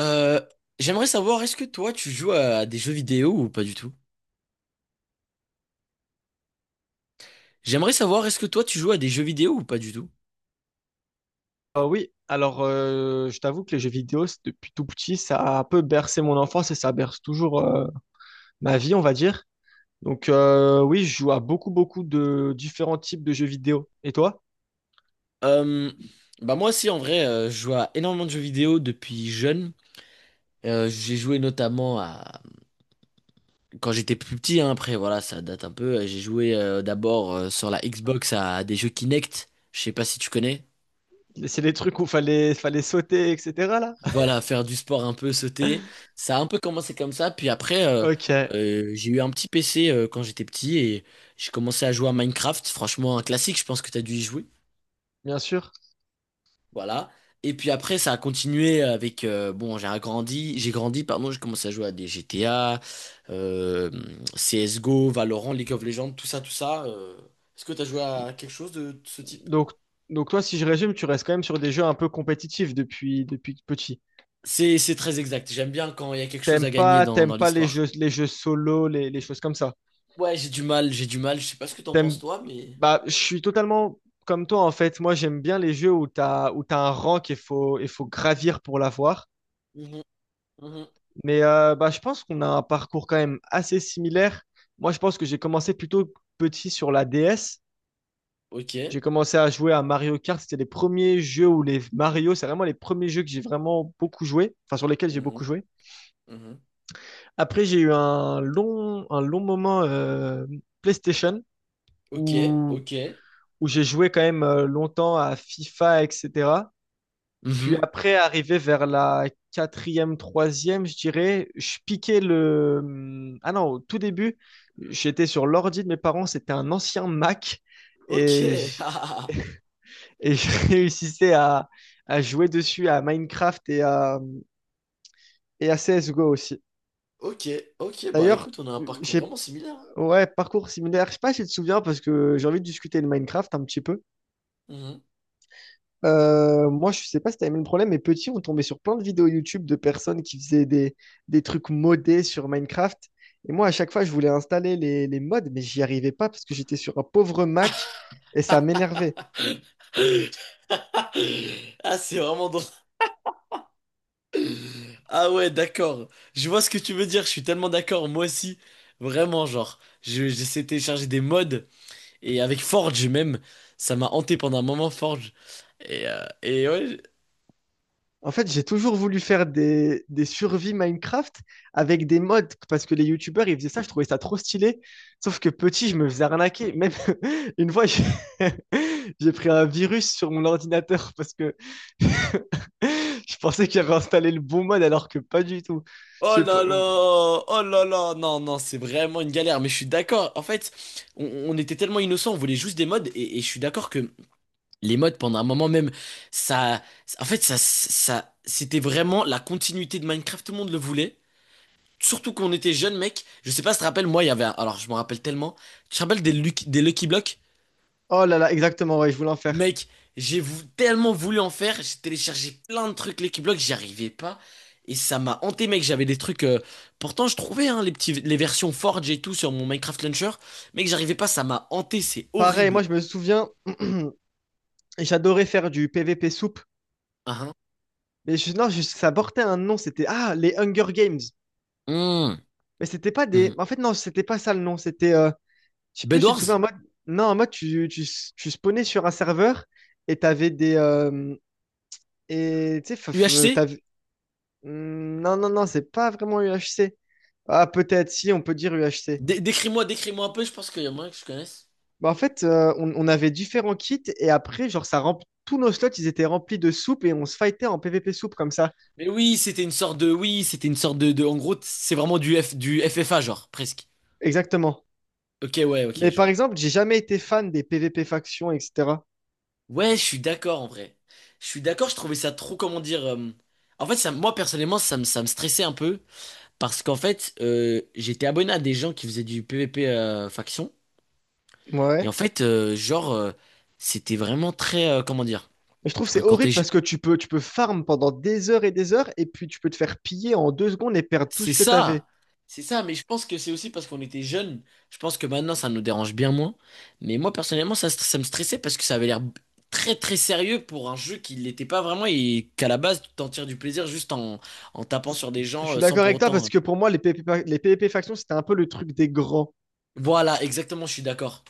Euh, J'aimerais savoir, est-ce que toi tu joues à des jeux vidéo ou pas du tout? J'aimerais savoir, est-ce que toi tu joues à des jeux vidéo ou pas du tout? Oui, alors je t'avoue que les jeux vidéo, depuis tout petit, ça a un peu bercé mon enfance et ça berce toujours ma vie, on va dire. Donc oui, je joue à beaucoup, beaucoup de différents types de jeux vidéo. Et toi? Euh, Bah moi aussi en vrai, je joue à énormément de jeux vidéo depuis jeune. J'ai joué notamment à quand j'étais plus petit, hein, après voilà, ça date un peu. J'ai joué d'abord sur la Xbox à, des jeux Kinect. Je sais pas si tu connais. C'est les trucs où fallait sauter, etc. là? Voilà, faire du sport un peu, sauter. Ça a un peu commencé comme ça. Puis après, Ok, j'ai eu un petit PC quand j'étais petit et j'ai commencé à jouer à Minecraft. Franchement, un classique, je pense que tu as dû y jouer. bien sûr. Voilà. Et puis après, ça a continué avec... bon, j'ai agrandi, j'ai grandi, pardon, j'ai commencé à jouer à des GTA, euh, CSGO, Valorant, League of Legends, tout ça, tout ça. Est-ce que tu as joué à quelque chose de ce type? Donc, donc toi, si je résume, tu restes quand même sur des jeux un peu compétitifs depuis petit. C'est très exact. J'aime bien quand il y a quelque chose T'aimes à gagner pas, dans t'aimes dans pas les l'histoire. jeux solo, les choses comme ça. Ouais, j'ai du mal, j'ai du mal. Je sais pas ce que t'en penses T'aimes, toi, mais. Bah, je suis totalement comme toi en fait. Moi, j'aime bien les jeux où t'as un rang qu'il faut gravir pour l'avoir. Mhm, mhm. Mais bah, je pense qu'on a un parcours quand même assez similaire. Moi, je pense que j'ai commencé plutôt petit sur la DS. Ok. J'ai commencé à jouer à Mario Kart. C'était les premiers jeux où les Mario, c'est vraiment les premiers jeux que j'ai vraiment beaucoup joué, enfin sur lesquels j'ai beaucoup Mhm, joué. mhm. Après, j'ai eu un long moment PlayStation Ok, où, ok. où j'ai joué quand même longtemps à FIFA, etc. Puis Mhm. après, arrivé vers la quatrième, troisième, je dirais, je piquais Ah non, au tout début, j'étais sur l'ordi de mes parents, c'était un ancien Mac, Ok. et je, Ah, et je réussissais à jouer dessus à Minecraft et à CSGO aussi. ok, ok. Bah D'ailleurs, écoute, on a un parcours j'ai... vraiment similaire, hein. ouais, parcours similaire, je sais pas si tu te souviens, parce que j'ai envie de discuter de Minecraft un petit peu. Mhm. Moi, je sais pas si t'as aimé le problème, mais petit, on tombait sur plein de vidéos YouTube de personnes qui faisaient des trucs modés sur Minecraft. Et moi, à chaque fois, je voulais installer les mods, mais j'y arrivais pas parce que j'étais sur un pauvre Mac et ça m'énervait. Ah, c'est vraiment drôle. Ah ouais, d'accord. Je vois ce que tu veux dire. Je suis tellement d'accord. Moi aussi, vraiment, genre, j'essaie de télécharger des mods et avec Forge même, ça m'a hanté pendant un moment Forge. Et ouais. En fait, j'ai toujours voulu faire des survies Minecraft avec des mods parce que les YouTubers, ils faisaient ça, je trouvais ça trop stylé. Sauf que petit, je me faisais arnaquer. Même une fois, j'ai j'ai pris un virus sur mon ordinateur parce que je pensais qu'il avait installé le bon mode alors que pas du tout. Je Oh sais pas. là là, euh, oh là là, non, non, c'est vraiment une galère, mais je suis d'accord. En fait, on était tellement innocents, on voulait juste des modes, et je suis d'accord que les modes, pendant un moment même, ça, en fait, ça, c'était vraiment la continuité de Minecraft, tout le monde le voulait. Surtout qu'on était jeunes, mec. Je sais pas si tu te rappelles, moi, il y avait, alors je me rappelle tellement. Tu te rappelles des Lucky Blocks? Oh là là, exactement, ouais, je voulais en faire. Mec, j'ai tellement voulu en faire, j'ai téléchargé plein de trucs les Block, j'y arrivais pas. Et ça m'a hanté, mec. J'avais des trucs. Pourtant, je trouvais hein, les petits, les versions Forge et tout sur mon Minecraft Launcher. Mec, j'arrivais pas, ça m'a hanté, c'est Pareil, moi horrible. je me souviens, j'adorais faire du PVP soupe. Ah, Mais je- non, je- Ça portait un nom, c'était les Hunger Games. hein. Mais c'était pas Mmh, des. mmh. En fait, non, c'était pas ça le nom. C'était. Je sais plus, tu te souviens Bedwars? en mode. Non, en mode, tu spawnais sur un serveur et t'avais des. Et tu sais, UHC? t'avais. Hmm. Non, non, non, c'est pas vraiment UHC. Ah, peut-être, si, on peut dire UHC. Décris-moi un peu, je pense qu'il y a moyen que je connaisse. Bah, en fait, on avait différents kits et après, genre, tous nos slots, ils étaient remplis de soupe et on se fightait en PvP soupe comme ça. Mais oui, c'était une sorte de. Oui, c'était une sorte de, en gros, c'est vraiment du FFA, genre, presque. Exactement. Ok, ouais, ok, Mais je par vois. exemple, j'ai jamais été fan des PvP factions, etc. Ouais, je suis d'accord en vrai. Je suis d'accord, je trouvais ça trop, comment dire. En fait, ça, moi personnellement, ça me stressait un peu parce qu'en fait, j'étais abonné à des gens qui faisaient du PvP faction et en Ouais. fait, genre, c'était vraiment très, comment dire, Mais je trouve que c'est quand t'es, horrible parce que tu peux farm pendant des heures et puis tu peux te faire piller en deux secondes et perdre tout C'est ce que ça, t'avais. c'est ça, mais je pense que c'est aussi parce qu'on était jeunes. Je pense que maintenant ça nous dérange bien moins. Mais moi personnellement, ça, ça me stressait parce que ça avait l'air très très sérieux pour un jeu qui l'était pas vraiment et qu'à la base tu t'en tires du plaisir juste en tapant C'est- sur des Je gens suis sans d'accord pour avec toi autant. parce que pour moi, les PvP factions, c'était un peu le truc des grands. Voilà, exactement, je suis d'accord.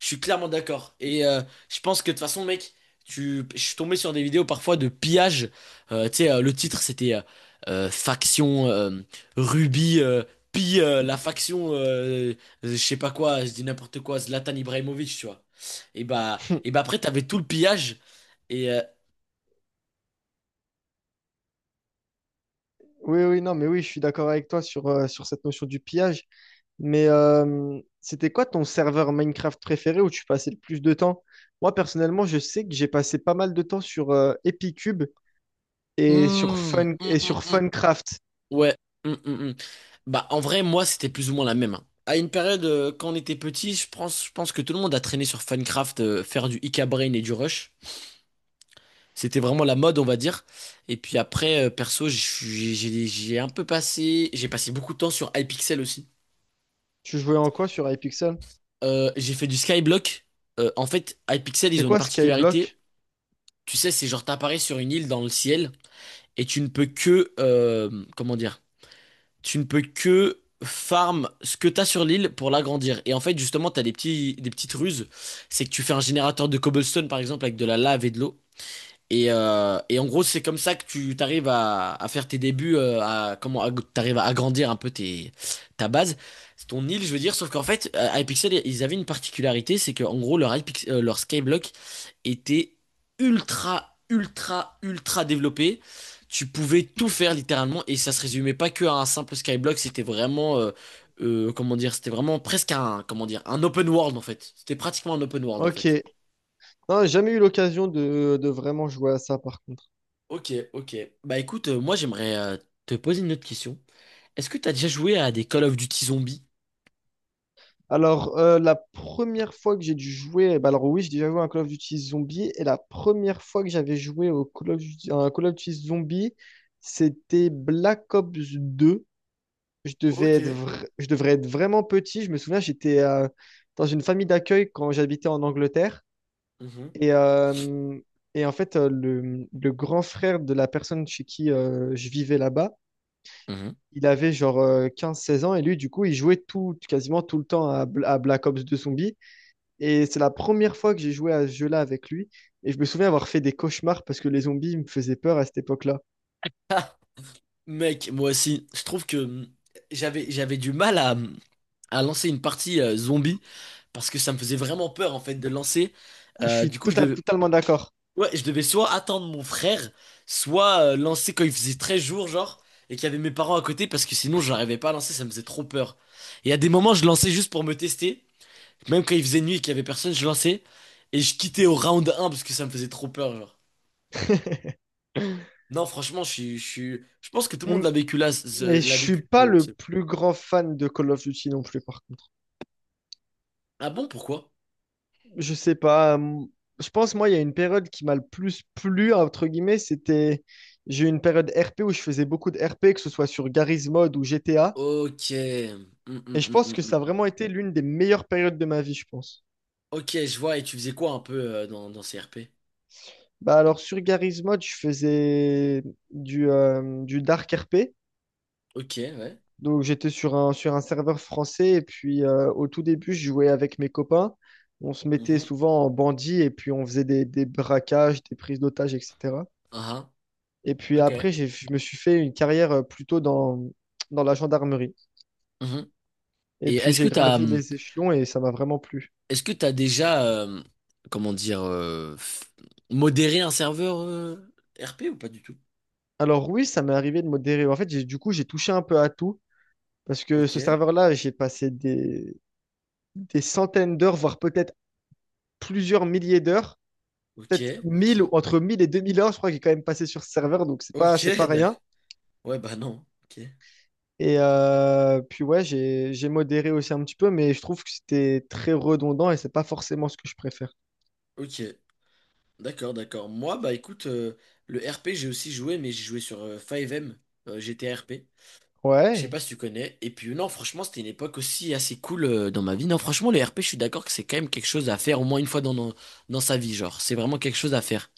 Je suis clairement d'accord. Et je pense que de toute façon, mec, je suis tombé sur des vidéos parfois de pillage. Tu sais, le titre, c'était Faction Ruby pille la faction, je sais pas quoi, je dis n'importe quoi, Zlatan Ibrahimovic, tu vois. Et bah après, t'avais tout le pillage. Et, euh, Oui, oui, non, mais oui, je suis d'accord avec toi sur cette notion du pillage. Mais c'était quoi ton serveur Minecraft préféré où tu passais le plus de temps? Moi, personnellement, je sais que j'ai passé pas mal de temps sur Epicube et sur hmm, Fun hmm, et hmm, sur hmm. Funcraft. Ouais. Mm, mm, mm. Bah, en vrai, moi, c'était plus ou moins la même, hein. À une période, quand on était petit, je pense que tout le monde a traîné sur Funcraft, faire du Ika Brain et du Rush. C'était vraiment la mode, on va dire. Et puis après, perso, je suis- j'ai un peu passé, j'ai passé beaucoup de temps sur Hypixel aussi. Tu jouais en quoi sur iPixel? J'ai fait du Skyblock. En fait, Hypixel, C'est ils ont une quoi particularité. Skyblock? Tu sais, c'est genre t'apparais sur une île dans le ciel et tu ne peux que, comment dire? Tu ne peux que farm ce que t'as sur l'île pour l'agrandir. Et en fait, justement, t'as des petites ruses. C'est que tu fais un générateur de cobblestone, par exemple, avec de la lave et de l'eau. Et en gros, c'est comme ça que tu t'arrives à faire tes débuts, t'arrives à agrandir un peu tes, ta base, c'est ton île, je veux dire. Sauf qu'en fait, Hypixel, ils avaient une particularité, c'est qu'en gros, leur leur Skyblock était ultra, ultra, ultra développé. Tu pouvais tout faire littéralement, et ça se résumait pas que à un simple Skyblock. C'était vraiment, comment dire, c'était vraiment presque un, comment dire, un open world en fait. C'était pratiquement un open world en fait. Ok. Non, j'ai jamais eu l'occasion de vraiment jouer à ça par contre. Ok, ok. Bah écoute, moi j'aimerais te poser une autre question. Est-ce que t'as déjà joué à des Call of Duty zombies? Alors, la première fois que j'ai dû jouer, bah alors oui, j'ai déjà joué à un Call of Duty Zombie, et la première fois que j'avais joué au Call of Duty, à un Call of Duty Zombie, c'était Black Ops 2. Je devais Ok. être je devrais être vraiment petit. Je me souviens, j'étais dans une famille d'accueil quand j'habitais en Angleterre. Mhm. Et, euh, et en fait, le grand frère de la personne chez qui je vivais là-bas, Mhm. il avait genre 15-16 ans. Et lui, du coup, il jouait tout, quasiment tout le temps à Black Ops 2 Zombies. Et c'est la première fois que j'ai joué à ce jeu-là avec lui. Et je me souviens avoir fait des cauchemars parce que les zombies me faisaient peur à cette époque-là. Ah, mec, moi aussi, je trouve que j'avais du mal à lancer une partie zombie parce que ça me faisait vraiment peur en fait de lancer. Ah, je suis Du coup, totalement d'accord. ouais, je devais soit attendre mon frère, soit lancer quand il faisait 13 jours, genre, et qu'il y avait mes parents à côté parce que sinon, j'arrivais pas à lancer, ça me faisait trop peur. Et à des moments, je lançais juste pour me tester. Même quand il faisait nuit et qu'il y avait personne, je lançais et je quittais au round 1 parce que ça me faisait trop peur, genre. Non, franchement, je suis, je pense que tout Et le monde m- l'a vécu là, Mais je l'a suis vécu. pas le plus grand fan de Call of Duty non plus, par contre. Ah bon, pourquoi? Je sais pas. Je pense, moi, il y a une période qui m'a le plus plu, entre guillemets, c'était. J'ai eu une période RP où je faisais beaucoup de RP, que ce soit sur Garry's Mod ou GTA. Ok. Et je pense que ça a vraiment été l'une des meilleures périodes de ma vie, je pense. Ok, je vois. Et tu faisais quoi un peu dans ces RP? Bah alors, sur Garry's Mod, je faisais du Dark RP. Ok, ouais. Donc j'étais sur un serveur français et puis au tout début, je jouais avec mes copains. On se mettait Mhm. souvent en bandit et puis on faisait des braquages, des prises d'otages, etc. Ah ah. Et puis Ok. après, je me suis fait une carrière plutôt dans la gendarmerie. Mhm. Et Et puis j'ai gravi les échelons et ça m'a vraiment plu. est-ce que t'as déjà, comment dire, modéré un serveur RP ou pas du tout? Alors oui, ça m'est arrivé de modérer. En fait, du coup, j'ai touché un peu à tout parce que Ok, ce serveur-là, j'ai passé des centaines d'heures, voire peut-être plusieurs milliers d'heures ok, peut-être ok. 1 000 ou entre 1 000 et 2 000 heures, je crois, qui est quand même passé sur ce serveur, donc c'est pas, Ok, c'est pas d'accord. rien. Ouais, bah non. Ok. Puis ouais, j'ai modéré aussi un petit peu, mais je trouve que c'était très redondant et c'est pas forcément ce que je préfère. Ok. D'accord, d'accord. Moi, bah écoute, le RP, j'ai aussi joué, mais j'ai joué sur 5M, GTRP. Je sais Ouais. pas si tu connais. Et puis non, franchement, c'était une époque aussi assez cool dans ma vie. Non, franchement, le RP, je suis d'accord que c'est quand même quelque chose à faire au moins une fois dans sa vie, genre. C'est vraiment quelque chose à faire.